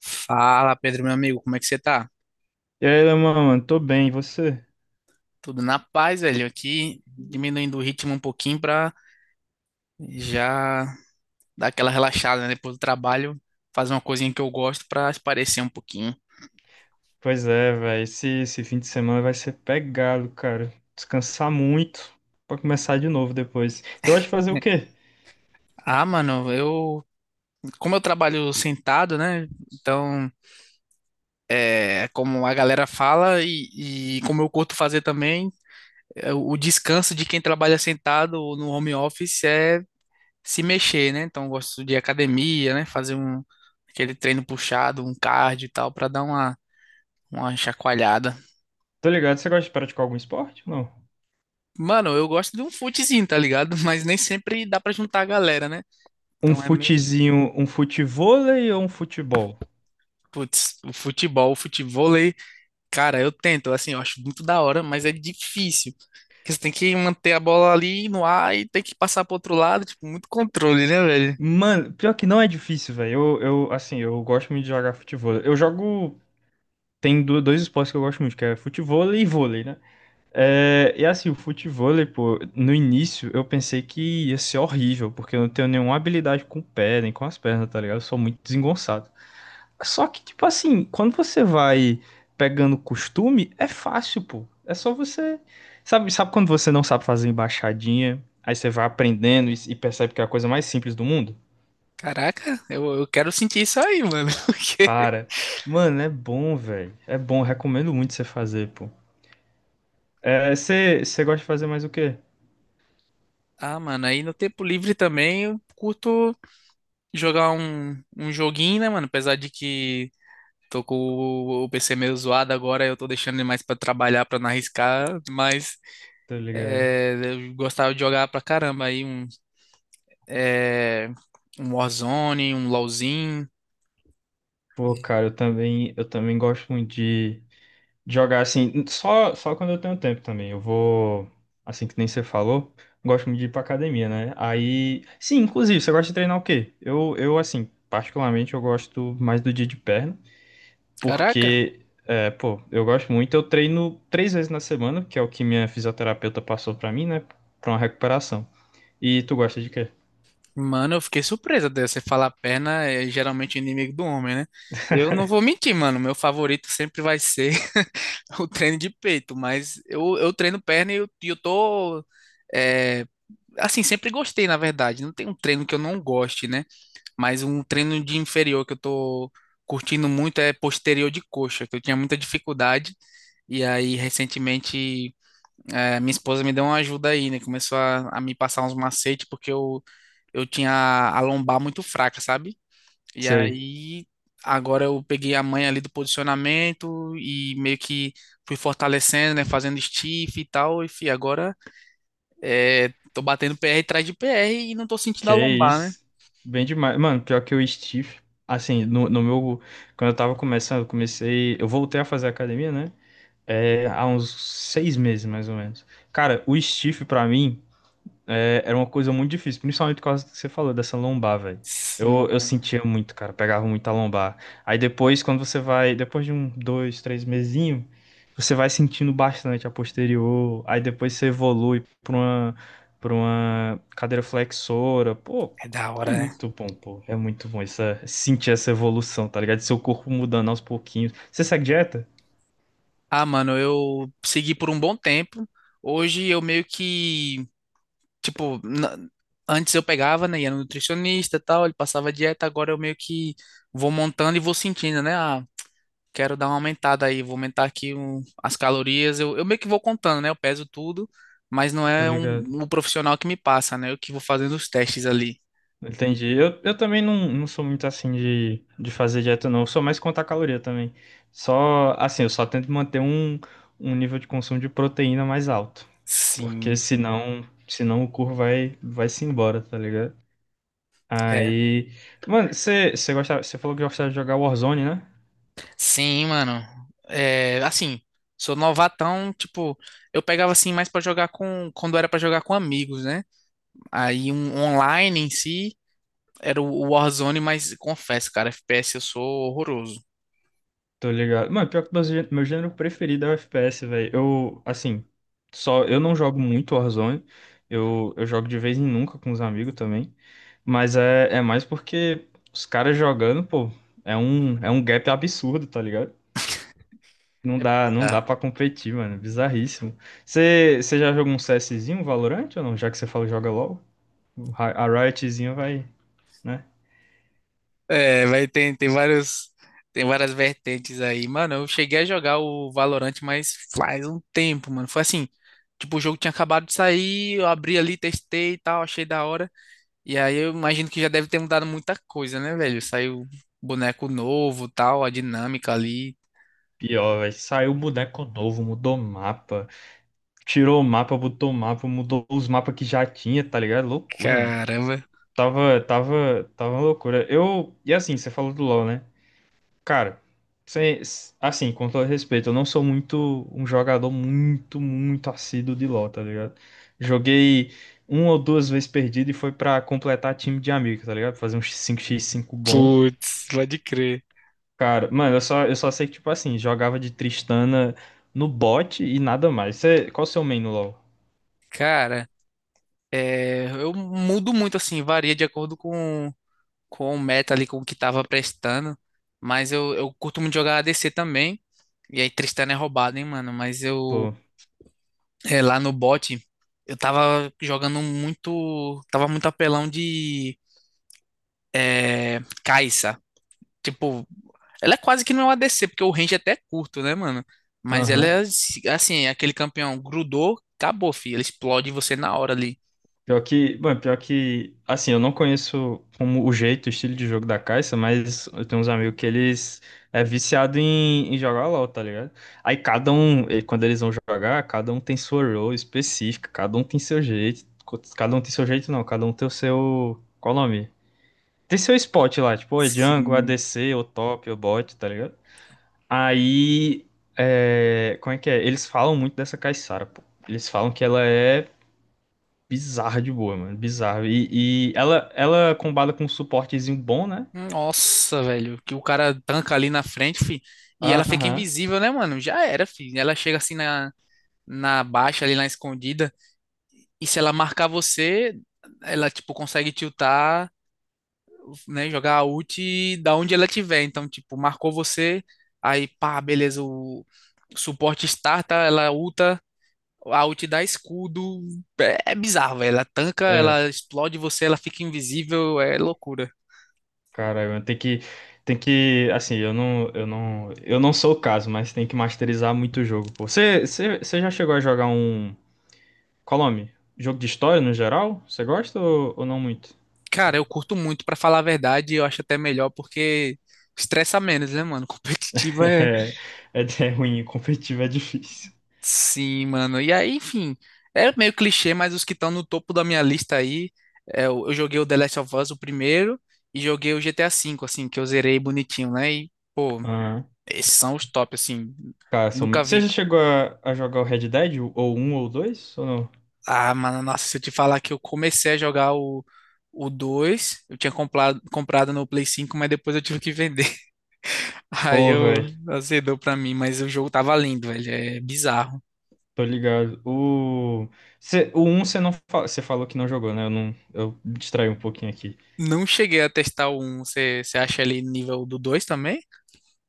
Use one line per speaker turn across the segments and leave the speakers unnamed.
Fala, Pedro, meu amigo, como é que você tá?
E aí, Leman, mano, tô bem, e você?
Tudo na paz, velho. Aqui diminuindo o ritmo um pouquinho pra já dar aquela relaxada, né? Depois do trabalho, fazer uma coisinha que eu gosto pra esparecer um pouquinho.
Pois é, velho, esse fim de semana vai ser pegado, cara. Descansar muito pra começar de novo depois. Você gosta de fazer o quê?
Ah, mano, como eu trabalho sentado, né? Então, como a galera fala e como eu curto fazer também, o descanso de quem trabalha sentado ou no home office é se mexer, né? Então eu gosto de academia, né? Fazer aquele treino puxado, um cardio e tal, pra dar uma chacoalhada.
Tô ligado, você gosta de praticar algum esporte? Não.
Mano, eu gosto de um futezinho, tá ligado? Mas nem sempre dá pra juntar a galera, né?
Um
Então é meio,
futezinho, um futevôlei ou um futebol?
putz, o futebol, o futevôlei, cara, eu tento, assim, eu acho muito da hora, mas é difícil. Porque você tem que manter a bola ali no ar e tem que passar pro outro lado, tipo, muito controle, né, velho?
Mano, pior que não é difícil, velho. Eu, assim, eu gosto muito de jogar futevôlei. Eu jogo. Tem dois esportes que eu gosto muito, que é futevôlei e vôlei, né? É, e assim, o futevôlei, pô, no início eu pensei que ia ser horrível, porque eu não tenho nenhuma habilidade com o pé, nem com as pernas, tá ligado? Eu sou muito desengonçado. Só que, tipo assim, quando você vai pegando costume, é fácil, pô. É só você. Sabe quando você não sabe fazer embaixadinha, aí você vai aprendendo e percebe que é a coisa mais simples do mundo?
Caraca, eu quero sentir isso aí, mano. Porque...
Cara, mano, é bom, velho. É bom, recomendo muito você fazer, pô. É, você gosta de fazer mais o quê?
Ah, mano, aí no tempo livre também eu curto jogar um joguinho, né, mano? Apesar de que tô com o PC meio zoado agora, eu tô deixando ele mais pra trabalhar, pra não arriscar, mas
Tá ligado?
é, eu gostava de jogar pra caramba aí é, um Warzone, um LoLzinho.
Pô, cara, eu também gosto muito de jogar assim, só quando eu tenho tempo também. Eu vou, assim que nem você falou, gosto muito de ir pra academia, né? Aí, sim, inclusive, você gosta de treinar o quê? Eu, assim, particularmente, eu gosto mais do dia de perna,
Caraca,
porque, é, pô, eu gosto muito. Eu treino três vezes na semana, que é o que minha fisioterapeuta passou pra mim, né? Pra uma recuperação. E tu gosta de quê?
mano, eu fiquei surpresa de você falar perna é geralmente inimigo do homem, né? Eu não vou mentir, mano, meu favorito sempre vai ser o treino de peito, mas eu treino perna e eu tô. é, assim, sempre gostei, na verdade. Não tem um treino que eu não goste, né? Mas um treino de inferior que eu tô curtindo muito é posterior de coxa, que eu tinha muita dificuldade. E aí, recentemente, minha esposa me deu uma ajuda aí, né? Começou a me passar uns macetes, eu tinha a lombar muito fraca, sabe? E
Sei.
aí, agora eu peguei a manha ali do posicionamento e meio que fui fortalecendo, né? Fazendo stiff e tal. E fi, agora tô batendo PR atrás de PR e não tô sentindo a
Que
lombar, né?
isso. Bem demais. Mano, pior que o Steve, assim, no meu. Quando eu tava começando, eu comecei. Eu voltei a fazer academia, né? É, há uns seis meses, mais ou menos. Cara, o Steve, pra mim. É, era uma coisa muito difícil, principalmente por causa do que você falou, dessa lombar, velho. Eu,
Sim,
eu
mano.
sentia muito, cara, pegava muito a lombar. Aí depois, quando você vai, depois de um, dois, três mesinho, você vai sentindo bastante a posterior. Aí depois você evolui pra uma cadeira flexora. Pô,
É da
é
hora, né?
muito bom, pô. É muito bom essa, sentir essa evolução, tá ligado? Seu corpo mudando aos pouquinhos. Você segue dieta?
Ah, mano, eu segui por um bom tempo. Hoje eu meio que, tipo, na- antes eu pegava, né? Ia no nutricionista e tal, ele passava dieta, agora eu meio que vou montando e vou sentindo, né? Quero dar uma aumentada aí, vou aumentar aqui as calorias. Eu meio que vou contando, né? Eu peso tudo, mas não
Tô
é
ligado.
um profissional que me passa, né? Eu que vou fazendo os testes ali.
Entendi. Eu também não sou muito assim de fazer dieta, não. Eu sou mais contar caloria também. Só, assim, eu só tento manter um nível de consumo de proteína mais alto. Porque
Sim,
senão o corpo vai se embora, tá ligado?
é.
Aí. Mano, você gostava, você falou que gostava de jogar Warzone, né?
Sim, mano. É, assim, sou novatão, tipo, eu pegava assim mais pra jogar com, quando era pra jogar com amigos, né? Aí um online em si era o Warzone, mas confesso, cara, FPS eu sou horroroso.
Tô ligado. Mano, pior que meu, meu gênero preferido é o FPS, velho. Eu, assim, só eu não jogo muito Warzone. Eu jogo de vez em nunca com os amigos também. Mas é, é mais porque os caras jogando, pô, é um gap absurdo, tá ligado? Não
É
dá, não dá
bizarro.
pra competir, mano. Bizarríssimo. Você já jogou um CSzinho, um Valorant ou não? Já que você falou joga LOL, o a Riotzinha vai, né?
É, tem vários, tem várias vertentes aí. Mano, eu cheguei a jogar o Valorant, mas faz um tempo, mano. Foi assim, tipo, o jogo tinha acabado de sair, eu abri ali, testei e tal, achei da hora. E aí eu imagino que já deve ter mudado muita coisa, né, velho? Saiu boneco novo, tal, a dinâmica ali.
Pior, velho. Saiu boneco novo, mudou mapa. Tirou o mapa, botou o mapa, mudou os mapas que já tinha, tá ligado? Loucura, mano.
Caramba.
Tava uma loucura. Eu, e assim, você falou do LoL, né? Cara, sem- assim, com todo respeito, eu não sou muito um jogador muito assíduo de LoL, tá ligado? Joguei uma ou duas vezes perdido e foi pra completar time de amigo, tá ligado? Fazer uns cinco x cinco bom.
Putz, pode crer.
Cara, mano, eu só sei que, tipo assim, jogava de Tristana no bot e nada mais. Você, qual o seu main no LoL?
Cara, eu mudo muito assim, varia de acordo com o meta ali, com o que tava prestando. Mas eu curto muito jogar ADC também. E aí Tristana é roubado, hein, mano. Mas eu,
Pô,
é, lá no bot, eu tava jogando muito. Tava muito apelão de Kai'Sa. Tipo, ela é quase que não é uma ADC, porque o range até é curto, né, mano? Mas ela
aham.
é assim, é aquele campeão grudou, acabou, filho. Ela explode você na hora ali.
Pior que, bom, pior que, assim, eu não conheço como o jeito, o estilo de jogo da Caixa, mas eu tenho uns amigos que eles é viciado em jogar LoL, tá ligado? Aí cada um, e quando eles vão jogar, cada um tem sua role específica, cada um tem seu jeito, cada um tem seu jeito não, cada um tem o seu, qual o nome? Tem seu spot lá, tipo, ou é jungle,
Sim.
ADC, ou top, ou bot, tá ligado? Aí, é, como é que é? Eles falam muito dessa Caissara, pô. Eles falam que ela é bizarra de boa, mano. Bizarra. E ela, ela combada com um suportezinho bom, né?
Nossa, velho, que o cara tanca ali na frente, fi, e ela fica
Aham.
invisível, né, mano? Já era, fi. Ela chega na baixa, ali na escondida, e se ela marcar você, ela, tipo, consegue tiltar, né, jogar a ult da onde ela tiver. Então, tipo, marcou você, aí, pá, beleza, o suporte starta, ela ulta, a ult dá escudo. É bizarro, velho. Ela tanca,
É,
ela explode você, ela fica invisível, é loucura.
caralho, mano, tem que. Tem que. Assim, eu não. Eu não. Eu não sou o caso, mas tem que masterizar muito o jogo, pô. Você já chegou a jogar um. Qual o nome? Jogo de história no geral? Você gosta ou não muito?
Cara, eu curto muito, pra falar a verdade, eu acho até melhor porque estressa menos, né, mano? Competitiva é.
É, é, é ruim, competitivo é difícil.
Sim, mano. E aí, enfim, é meio clichê, mas os que estão no topo da minha lista aí, eu joguei o The Last of Us, o primeiro, e joguei o GTA V, assim, que eu zerei bonitinho, né? E, pô,
Aham.
esses são os top, assim.
Cara, são
Nunca
muito. Você já
vi.
chegou a jogar o Red Dead? Ou um ou dois? Ou não?
Ah, mano, nossa, se eu te falar que eu comecei a jogar o 2, comprado no Play 5, mas depois eu tive que vender. Aí
Pô,
eu
velho.
azedou pra mim, mas o jogo tava lindo, velho. É bizarro.
Tô ligado. O, cê, o um você não fa... você falou que não jogou, né? Eu não, eu me distraí um pouquinho aqui.
Não cheguei a testar o 1. Você acha ali nível do 2 também?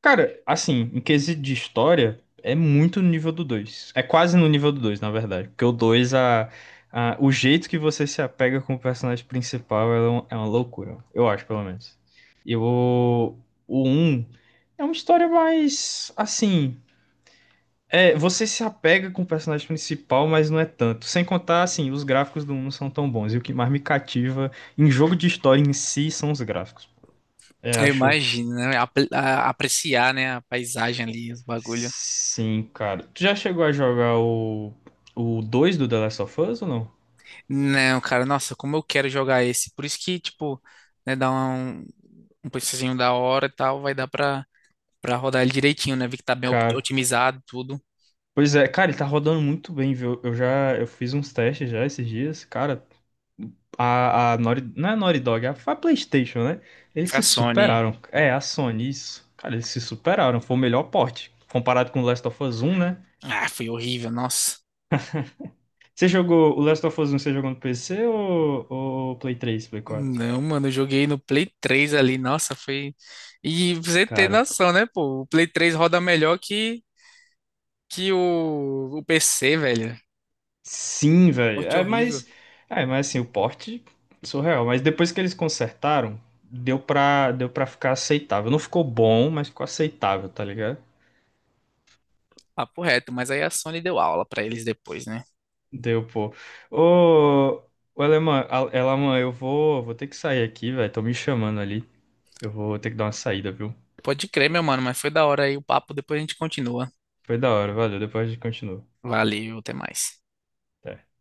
Cara, assim, em quesito de história, é muito no nível do dois. É quase no nível do dois, na verdade. Porque o o jeito que você se apega com o personagem principal é é uma loucura. Eu acho, pelo menos. E o um é uma história mais, assim. É, você se apega com o personagem principal, mas não é tanto. Sem contar, assim, os gráficos do 1 não são tão bons. E o que mais me cativa em jogo de história em si são os gráficos. Eu
Eu
acho.
imagino, né? Apreciar, né? A paisagem ali, os bagulho.
Sim, cara. Tu já chegou a jogar o 2 do The Last of Us ou não?
Não, cara, nossa, como eu quero jogar esse. Por isso que, tipo, né, dá um preçozinho da hora e tal, pra rodar ele direitinho, né? Vi que tá bem
Cara.
otimizado, tudo.
Pois é, cara, ele tá rodando muito bem, viu? Eu fiz uns testes já esses dias. Cara, a Naughty, não é Naughty Dog, é a PlayStation, né? Eles
Foi a
se
Sony.
superaram. É, a Sony, isso. Cara, eles se superaram. Foi o melhor porte. Comparado com o Last of Us um, né?
Ah, foi horrível, nossa.
Você jogou o Last of Us um, você jogou no PC ou Play três Play quatro?
Não, mano, eu joguei no Play 3 ali, nossa, foi. E você ter
Cara,
noção, né, pô? O Play 3 roda melhor que o PC, velho.
sim, velho.
Corte
É,
horrível.
mas, é, mas assim, o porte surreal. Mas depois que eles consertaram, deu pra ficar aceitável. Não ficou bom, mas ficou aceitável, tá ligado?
Papo reto, mas aí a Sony deu aula pra eles depois, né?
Deu, pô. Ô, ô Alemã, Alemã, vou ter que sair aqui, velho. Estão me chamando ali. Eu vou ter que dar uma saída, viu?
Pode crer, meu mano, mas foi da hora aí o papo, depois a gente continua.
Foi da hora, valeu. Depois a gente continua.
Valeu, até mais.
Até.